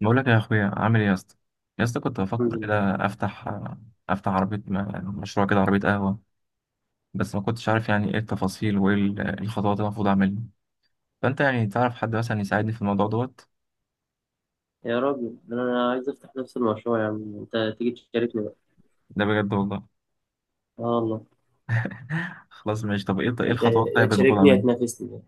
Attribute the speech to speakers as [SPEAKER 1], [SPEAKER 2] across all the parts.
[SPEAKER 1] بقول لك يا اخويا، عامل ايه يا اسطى؟ يا اسطى كنت
[SPEAKER 2] الحمد
[SPEAKER 1] بفكر
[SPEAKER 2] لله.
[SPEAKER 1] كده افتح عربيه، مشروع كده، عربيه قهوه. بس ما كنتش عارف يعني ايه التفاصيل وايه الخطوات اللي المفروض اعملها. فانت يعني تعرف حد مثلا يساعدني في الموضوع دوت؟
[SPEAKER 2] يا راجل، ده انا عايز افتح نفس المشروع، يا عم انت تيجي تشاركني بقى.
[SPEAKER 1] ده بجد والله.
[SPEAKER 2] اه والله.
[SPEAKER 1] خلاص ماشي، طب ايه
[SPEAKER 2] انت
[SPEAKER 1] الخطوات
[SPEAKER 2] يا
[SPEAKER 1] طيب المفروض
[SPEAKER 2] تشاركني يا
[SPEAKER 1] اعملها؟
[SPEAKER 2] تنافسني.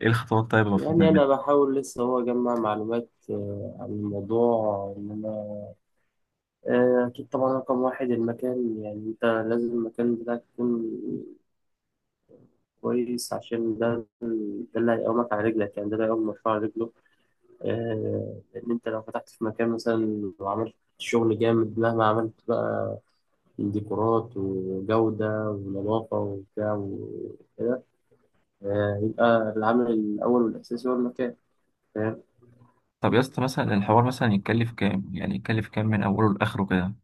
[SPEAKER 1] ايه الخطوات طيب المفروض
[SPEAKER 2] يعني انا
[SPEAKER 1] نعملها؟
[SPEAKER 2] بحاول لسه هو اجمع معلومات عن الموضوع ان انا اكيد طبعا رقم واحد المكان، يعني انت لازم المكان بتاعك يكون كويس عشان ده اللي هيقومك على رجلك، يعني ده اللي هيقوم المشروع على رجله. لان انت لو فتحت في مكان مثلا وعملت شغل جامد، مهما عملت بقى ديكورات وجودة ونظافة وبتاع وكده، يبقى العامل الأول والأساسي هو المكان. فاهم؟
[SPEAKER 1] طب يا اسطى، مثلا الحوار مثلا يتكلف كام؟ يعني يتكلف كام من اوله لاخره كده؟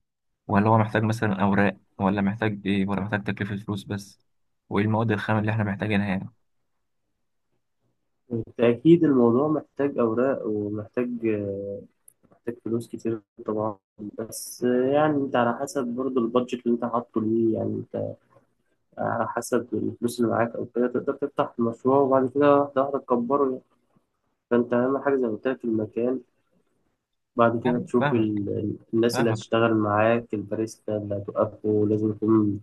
[SPEAKER 1] ولا هو محتاج مثلا اوراق، ولا محتاج ايه، ولا محتاج تكلفه فلوس بس؟ وايه المواد الخام اللي احنا محتاجينها يعني؟
[SPEAKER 2] بالتأكيد الموضوع محتاج أوراق ومحتاج محتاج فلوس كتير طبعا. بس يعني أنت على حسب برضه البادجت اللي أنت حاطه ليه، يعني أنت على حسب الفلوس اللي معاك أو كده تقدر تفتح المشروع، وبعد كده واحدة واحدة تكبره يعني. فأنت أهم حاجة زي ما قلت لك المكان. بعد كده تشوف
[SPEAKER 1] فاهمك،
[SPEAKER 2] الناس اللي
[SPEAKER 1] فاهمك.
[SPEAKER 2] هتشتغل معاك، الباريستا اللي هتوقفه لازم يكون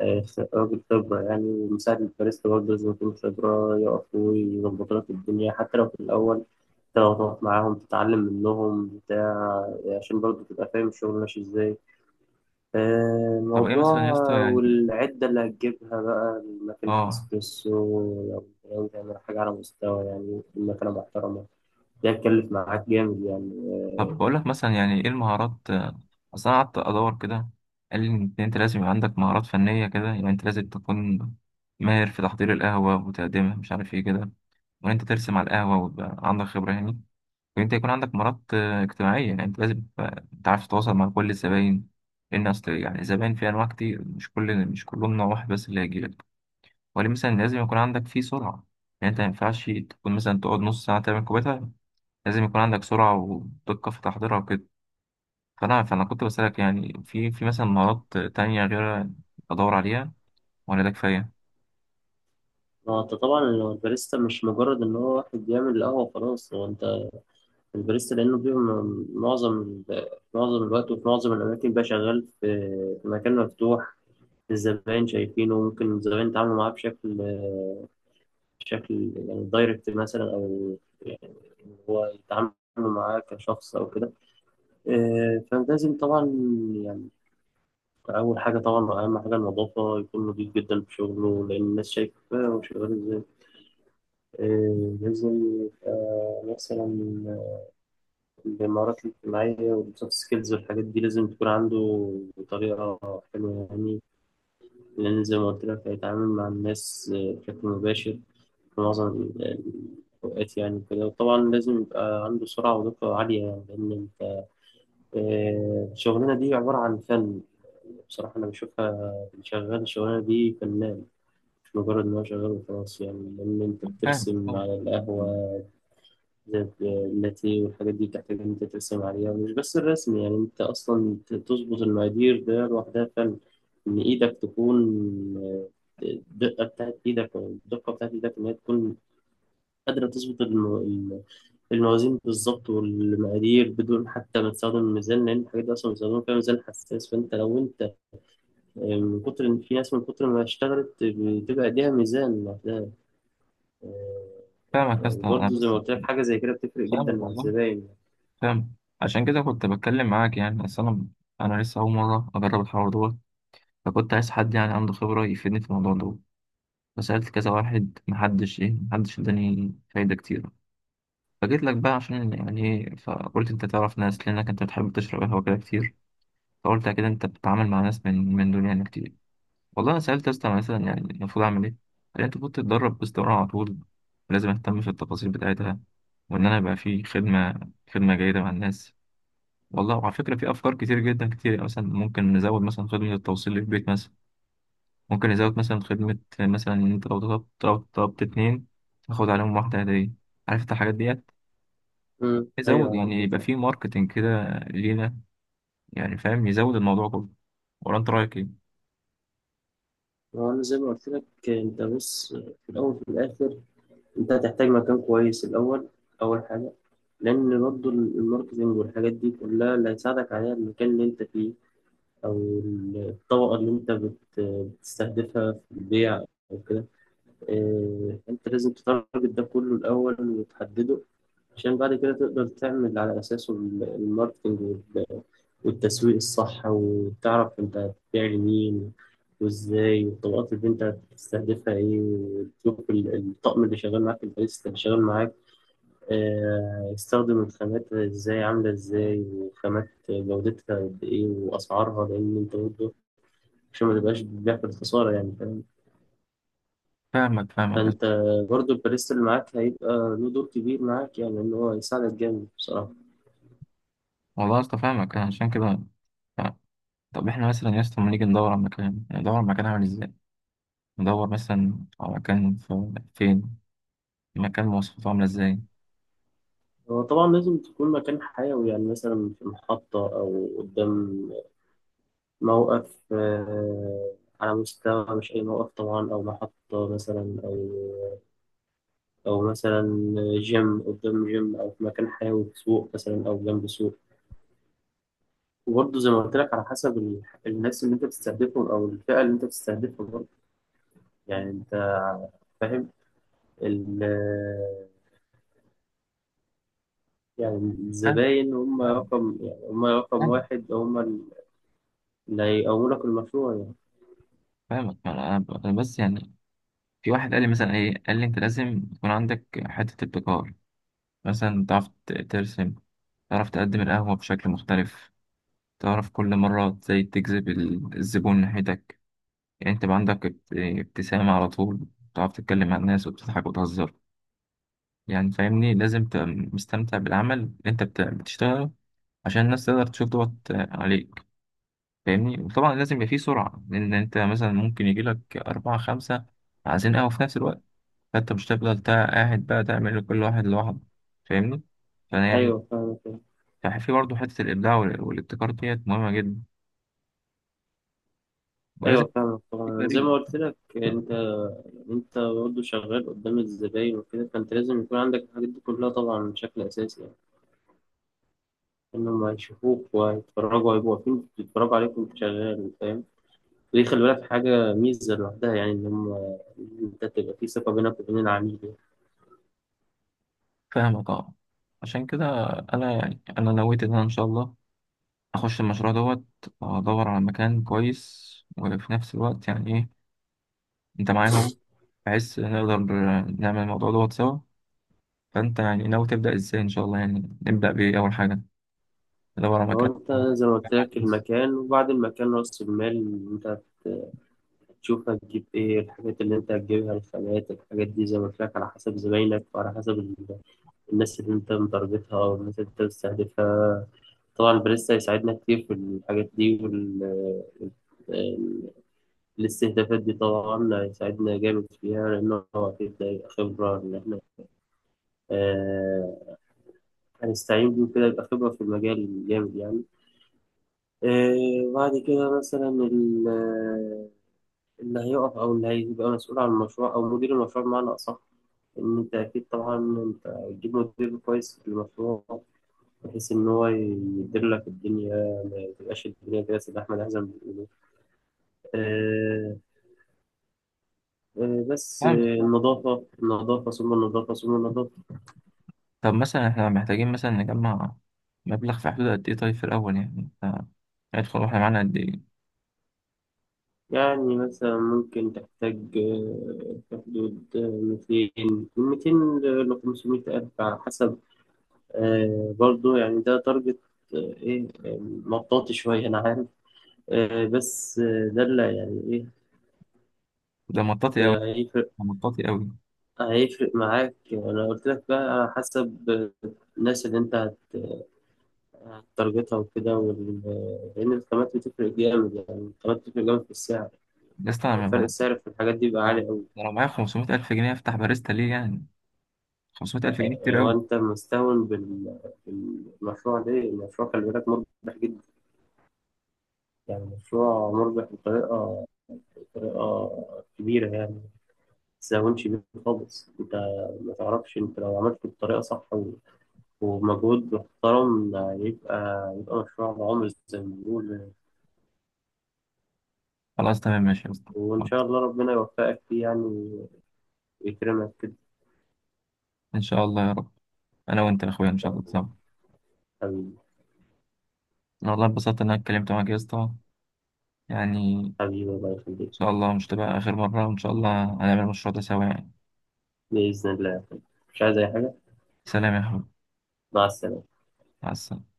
[SPEAKER 2] آه، راجل خبرة يعني. مساعد الباريستا برضه لازم يكون خبرة، يقف ويظبط لك الدنيا، حتى لو في الأول أنت لو تقف معاهم تتعلم منهم بتاع عشان برضه تبقى فاهم الشغل ماشي إزاي.
[SPEAKER 1] طب ايه
[SPEAKER 2] موضوع
[SPEAKER 1] مثلا يا اسطى يعني؟
[SPEAKER 2] والعدة اللي هتجيبها بقى ماكينة
[SPEAKER 1] اه.
[SPEAKER 2] الإسبريسو، لو تعمل حاجة على مستوى، يعني مكنة محترمة، ده هتكلف معاك جامد يعني.
[SPEAKER 1] طب بقول لك مثلا، يعني ايه المهارات، اصل انا قعدت ادور كده، قال لي ان انت لازم يبقى عندك مهارات فنيه كده، يعني انت لازم تكون ماهر في تحضير القهوه وتقديمها مش عارف ايه كده، وان انت ترسم على القهوه ويبقى عندك خبره يعني، وان انت يكون عندك مهارات اجتماعيه، يعني انت لازم تبقى تعرف تتواصل مع كل الزباين، لان اصل يعني الزباين في انواع كتير، مش كل مش كلهم نوع واحد بس اللي هيجي لك، وليه مثلا لازم يكون عندك فيه سرعه. يعني انت ما ينفعش تكون مثلا تقعد نص ساعه تعمل كوبايه، لازم يكون عندك سرعة ودقة في تحضيرها وكده. فأنا كنت بسألك، يعني في مثلا مهارات تانية غير أدور عليها، ولا ده كفاية؟
[SPEAKER 2] ما هو أنت طبعا لو الباريستا مش مجرد إن هو واحد بيعمل القهوة خلاص. هو الباريستا لأنه بيبقى معظم معظم الوقت وفي معظم الأماكن بقى شغال في مكان مفتوح. الزبائن شايفينه، ممكن الزبائن يتعاملوا معاه بشكل يعني دايركت مثلا، أو يعني هو يتعاملوا معاه كشخص أو كده. فلازم طبعا يعني أول حاجة، طبعا أهم حاجة النظافة، يكون نضيف جدا في شغله لأن الناس شايفة هو شغال إزاي. لازم يبقى مثلا المهارات الاجتماعية والسوفت سكيلز والحاجات دي لازم تكون عنده بطريقة حلوة يعني. لأن زي ما قلت لك هيتعامل مع الناس بشكل مباشر في معظم الأوقات يعني كده. وطبعا لازم يبقى عنده سرعة ودقة عالية يعني، لأن أنت الشغلانة دي عبارة عن فن، بصراحة أنا بشوفها. اللي شغال الشغلانة دي فنان، مش مجرد إن هو شغال وخلاص يعني، لأن أنت
[SPEAKER 1] فاهم،
[SPEAKER 2] بترسم
[SPEAKER 1] فاهم.
[SPEAKER 2] على القهوة زي اللاتيه والحاجات دي، بتحتاج إن أنت ترسم عليها. مش بس الرسم، يعني أنت أصلا تظبط المقادير ده لوحدها فن. إن إيدك تكون آه، الدقة بتاعت إيدك، أو الدقة بتاعت إيدك إن هي تكون قادرة تظبط الموازين بالظبط والمقادير، بدون حتى ما تستخدم الميزان، لأن الحاجات دي أصلا بيستخدموا فيها ميزان حساس. فأنت لو أنت من كتر إن في ناس من كتر ما اشتغلت بتبقى إيديها ميزان لوحدها. آه،
[SPEAKER 1] فاهمك يا اسطى، أنا
[SPEAKER 2] وبرضه زي
[SPEAKER 1] بس.
[SPEAKER 2] ما قلت لك حاجة زي كده بتفرق جدا
[SPEAKER 1] فاهمك
[SPEAKER 2] مع
[SPEAKER 1] والله.
[SPEAKER 2] الزباين.
[SPEAKER 1] فاهم. عشان كده كنت بتكلم معاك، يعني أصل أنا لسه أول مرة أجرب الحوار دوت، فكنت عايز حد يعني عنده خبرة يفيدني في الموضوع دوت. فسألت كذا واحد، محدش إيه، محدش إداني فايدة كتيرة. فجيت لك بقى عشان يعني إيه، فقلت أنت تعرف ناس لأنك أنت بتحب تشرب قهوة كده كتير، فقلت أكيد أنت بتتعامل مع ناس من دول يعني كتير. والله أنا سألت يا اسطى مثلا يعني المفروض أعمل إيه؟ قال لي أنت المفروض تتدرب باستمرار على طول، لازم أهتم في التفاصيل بتاعتها، وإن أنا يبقى في خدمة جيدة مع الناس. والله وعلى فكرة في أفكار كتير جدا كتير، يعني مثلا ممكن نزود مثلا خدمة التوصيل للبيت مثلا، ممكن نزود مثلا خدمة مثلا إن أنت لو طلبت اتنين تاخد عليهم واحدة هدية، عارف أنت الحاجات ديت،
[SPEAKER 2] امم، ايوه
[SPEAKER 1] يزود يعني
[SPEAKER 2] عارفها
[SPEAKER 1] يبقى
[SPEAKER 2] طبعا.
[SPEAKER 1] في ماركتينج كده لينا، يعني فاهم يزود الموضوع كله. ولا أنت رأيك إيه؟
[SPEAKER 2] هو انا زي ما قلت لك انت بص، في الاول وفي الاخر انت هتحتاج مكان كويس الاول، اول حاجه، لان برضو الماركتنج والحاجات دي كلها اللي هيساعدك عليها المكان اللي انت فيه، او الطبقه اللي انت بتستهدفها في البيع او كده. إيه، انت لازم تتارجت ده كله الاول وتحدده، عشان بعد كده تقدر تعمل على اساسه الماركتنج والتسويق الصح، وتعرف انت هتبيع لمين وازاي، والطبقات اللي انت هتستهدفها ايه، وتشوف الطقم اللي شغال معاك، الباريستا اللي شغال معاك يستخدم الخامات ازاي، عاملة ازاي، وخامات جودتها قد ايه واسعارها، لان انت برضه عشان ما تبقاش بتبيع في الخسارة يعني. فاهم؟
[SPEAKER 1] فاهمك، فاهمك
[SPEAKER 2] فانت برضه الباريستا اللي معاك هيبقى له دور كبير معاك، يعني ان هو يساعدك جامد بصراحة.
[SPEAKER 1] والله يا اسطى، فاهمك. أنا عشان كده ف- طب احنا مثلا يا اسطى لما نيجي ندور على مكان، يعني ندور على مكان عامل ازاي، ندور مثلا على مكان في فين، مكان مواصفاته عامله ازاي؟
[SPEAKER 2] هو طبعا لازم تكون مكان حيوي، يعني مثلا في محطة أو قدام موقف على مستوى، مش أي موقف طبعا، أو محطة مثلا، أو أو مثلا جيم، قدام جيم، أو في مكان حيوي في سوق مثلا أو جنب سوق. وبرضه زي ما قلت لك على حسب الناس اللي أنت بتستهدفهم، أو الفئة اللي أنت بتستهدفها برضه، يعني أنت فاهم. ال يعني
[SPEAKER 1] فاهم،
[SPEAKER 2] الزباين هم
[SPEAKER 1] فاهم،
[SPEAKER 2] رقم، يعني هم رقم
[SPEAKER 1] فاهم.
[SPEAKER 2] واحد، هم اللي هيقوموا لك المشروع يعني.
[SPEAKER 1] فاهمك. أنا بس يعني في واحد قال لي مثلا ايه، قال لي انت لازم يكون عندك حته ابتكار، مثلا تعرف ترسم، تعرف تقدم القهوه بشكل مختلف، تعرف كل مرة ازاي تجذب الزبون ناحيتك، يعني انت بقى عندك ابتسامة على طول، تعرف تتكلم مع الناس وبتضحك وتهزر، يعني فاهمني لازم تبقى مستمتع بالعمل اللي انت بتشتغله، عشان الناس تقدر تشوف دوت عليك. فاهمني؟ وطبعا لازم يبقى فيه سرعة، لأن انت مثلا ممكن يجيلك أربعة خمسة عايزين قهوة في نفس الوقت، فانت مش هتفضل قاعد بقى تعمل لكل واحد لوحده. فاهمني؟ فأنا يعني
[SPEAKER 2] أيوه فاهمك.
[SPEAKER 1] في برضه حتة الإبداع والابتكار ديت مهمة جدا، ولازم
[SPEAKER 2] أيوه فاهمك
[SPEAKER 1] يبقى في
[SPEAKER 2] طبعا. زي
[SPEAKER 1] فريق.
[SPEAKER 2] ما قلت لك أنت، انت برضه شغال قدام الزباين وكده، فانت لازم يكون عندك الحاجات دي كلها طبعا بشكل اساسي، يعني انهم هيشوفوك وهيتفرجوا، هيبقوا واقفين بيتفرجوا عليك وانت شغال. فاهم؟ ودي خلي بالك حاجه ميزه لوحدها، يعني ان هم، إن انت تبقى في ثقه بينك وبين العميل يعني.
[SPEAKER 1] فاهمك، اه. عشان كده أنا يعني أنا نويت إن أنا إن شاء الله أخش المشروع دوت، وأدور على مكان كويس، وفي نفس الوقت يعني إيه، انت معايا اهو، بحيث نقدر نعمل الموضوع دوت سوا. فانت يعني ناوي تبدأ ازاي ان شاء الله؟ يعني نبدأ بايه اول حاجة؟ ندور على
[SPEAKER 2] هو
[SPEAKER 1] مكان.
[SPEAKER 2] انت زي ما قلت
[SPEAKER 1] نجمع
[SPEAKER 2] لك
[SPEAKER 1] فلوس.
[SPEAKER 2] المكان، وبعد المكان راس المال. انت تشوف هتجيب ايه، الحاجات اللي انت هتجيبها الخامات، الحاجات دي زي ما قلت لك على حسب زباينك، وعلى حسب الناس اللي انت متارجتها والناس اللي انت بتستهدفها. طبعا بريسا هيساعدنا كتير في الحاجات دي، وال ال- الاستهدافات دي طبعا هيساعدنا جامد فيها، لأنه هو أكيد ده هيبقى خبرة. إن إحنا آه، هنستعين بيه كده يبقى خبرة في المجال جامد يعني. بعد كده مثلا اللي هيقف أو اللي هيبقى مسؤول عن المشروع، أو مدير المشروع بمعنى أصح، إن أنت أكيد طبعا أنت هتجيب مدير كويس للمشروع، بحيث إن هو يدير لك الدنيا، ما تبقاش الدنيا كده سلاح مدحزة. آه، آه، بس آه،
[SPEAKER 1] فاهمك، فاهمك.
[SPEAKER 2] النظافة، النظافة، ثم النظافة، ثم النظافة.
[SPEAKER 1] طب مثلا احنا محتاجين مثلا نجمع مبلغ في حدود قد ايه طيب في الاول؟ يعني انت هيدخل واحنا معانا قد ايه؟
[SPEAKER 2] يعني مثلا ممكن تحتاج في حدود 200 من 200 ل 500 ألف على حسب. برضو يعني ده تارجت آه، إيه آه، مطاطي شوية، أنا عارف. آه، بس آه، ده اللي يعني إيه،
[SPEAKER 1] ده مطاطي قوي،
[SPEAKER 2] هيفرق
[SPEAKER 1] ده مطاطي قوي.
[SPEAKER 2] هيفرق معاك يعني. أنا قلت لك بقى على حسب الناس اللي أنت تارجتها وكده، وال... لأن الخامات بتفرق جامد يعني، الخامات بتفرق جامد في السعر،
[SPEAKER 1] يا اسطى انا
[SPEAKER 2] فرق السعر في الحاجات دي بيبقى عالي أوي.
[SPEAKER 1] أنا لو معايا 500 الف جنيه افتح باريستا ليه يعني؟ 500 الف جنيه كتير
[SPEAKER 2] يعني هو
[SPEAKER 1] قوي.
[SPEAKER 2] أنت مستهون بال... بالمشروع ده؟ المشروع خلي بالك مربح جدا يعني، مشروع مربح بطريقة كبيرة يعني. ما تستهونش بيه خالص أنت، ما تعرفش أنت لو عملته بطريقة صح و... ومجهود محترم، يبقى يبقى مشروع عمر زي ما بنقول.
[SPEAKER 1] خلاص تمام ماشي يا اسطى،
[SPEAKER 2] وإن شاء
[SPEAKER 1] خلاص.
[SPEAKER 2] الله ربنا يوفقك فيه يعني، ويكرمك كده.
[SPEAKER 1] ان شاء الله يا رب، انا وانت يا اخويا
[SPEAKER 2] إن
[SPEAKER 1] ان شاء
[SPEAKER 2] شاء
[SPEAKER 1] الله،
[SPEAKER 2] الله.
[SPEAKER 1] تمام.
[SPEAKER 2] حبيبي.
[SPEAKER 1] انا والله اتبسطت ان انا اتكلمت معاك يا اسطى، يعني إن
[SPEAKER 2] حبيبي الله يخليك.
[SPEAKER 1] شاء الله مش تبقى آخر مرة، وإن شاء الله هنعمل المشروع ده سوا يعني.
[SPEAKER 2] بإذن الله يا أخوي. مش عايز أي حاجة.
[SPEAKER 1] سلام يا حبيبي،
[SPEAKER 2] مع السلامة.
[SPEAKER 1] مع السلامة.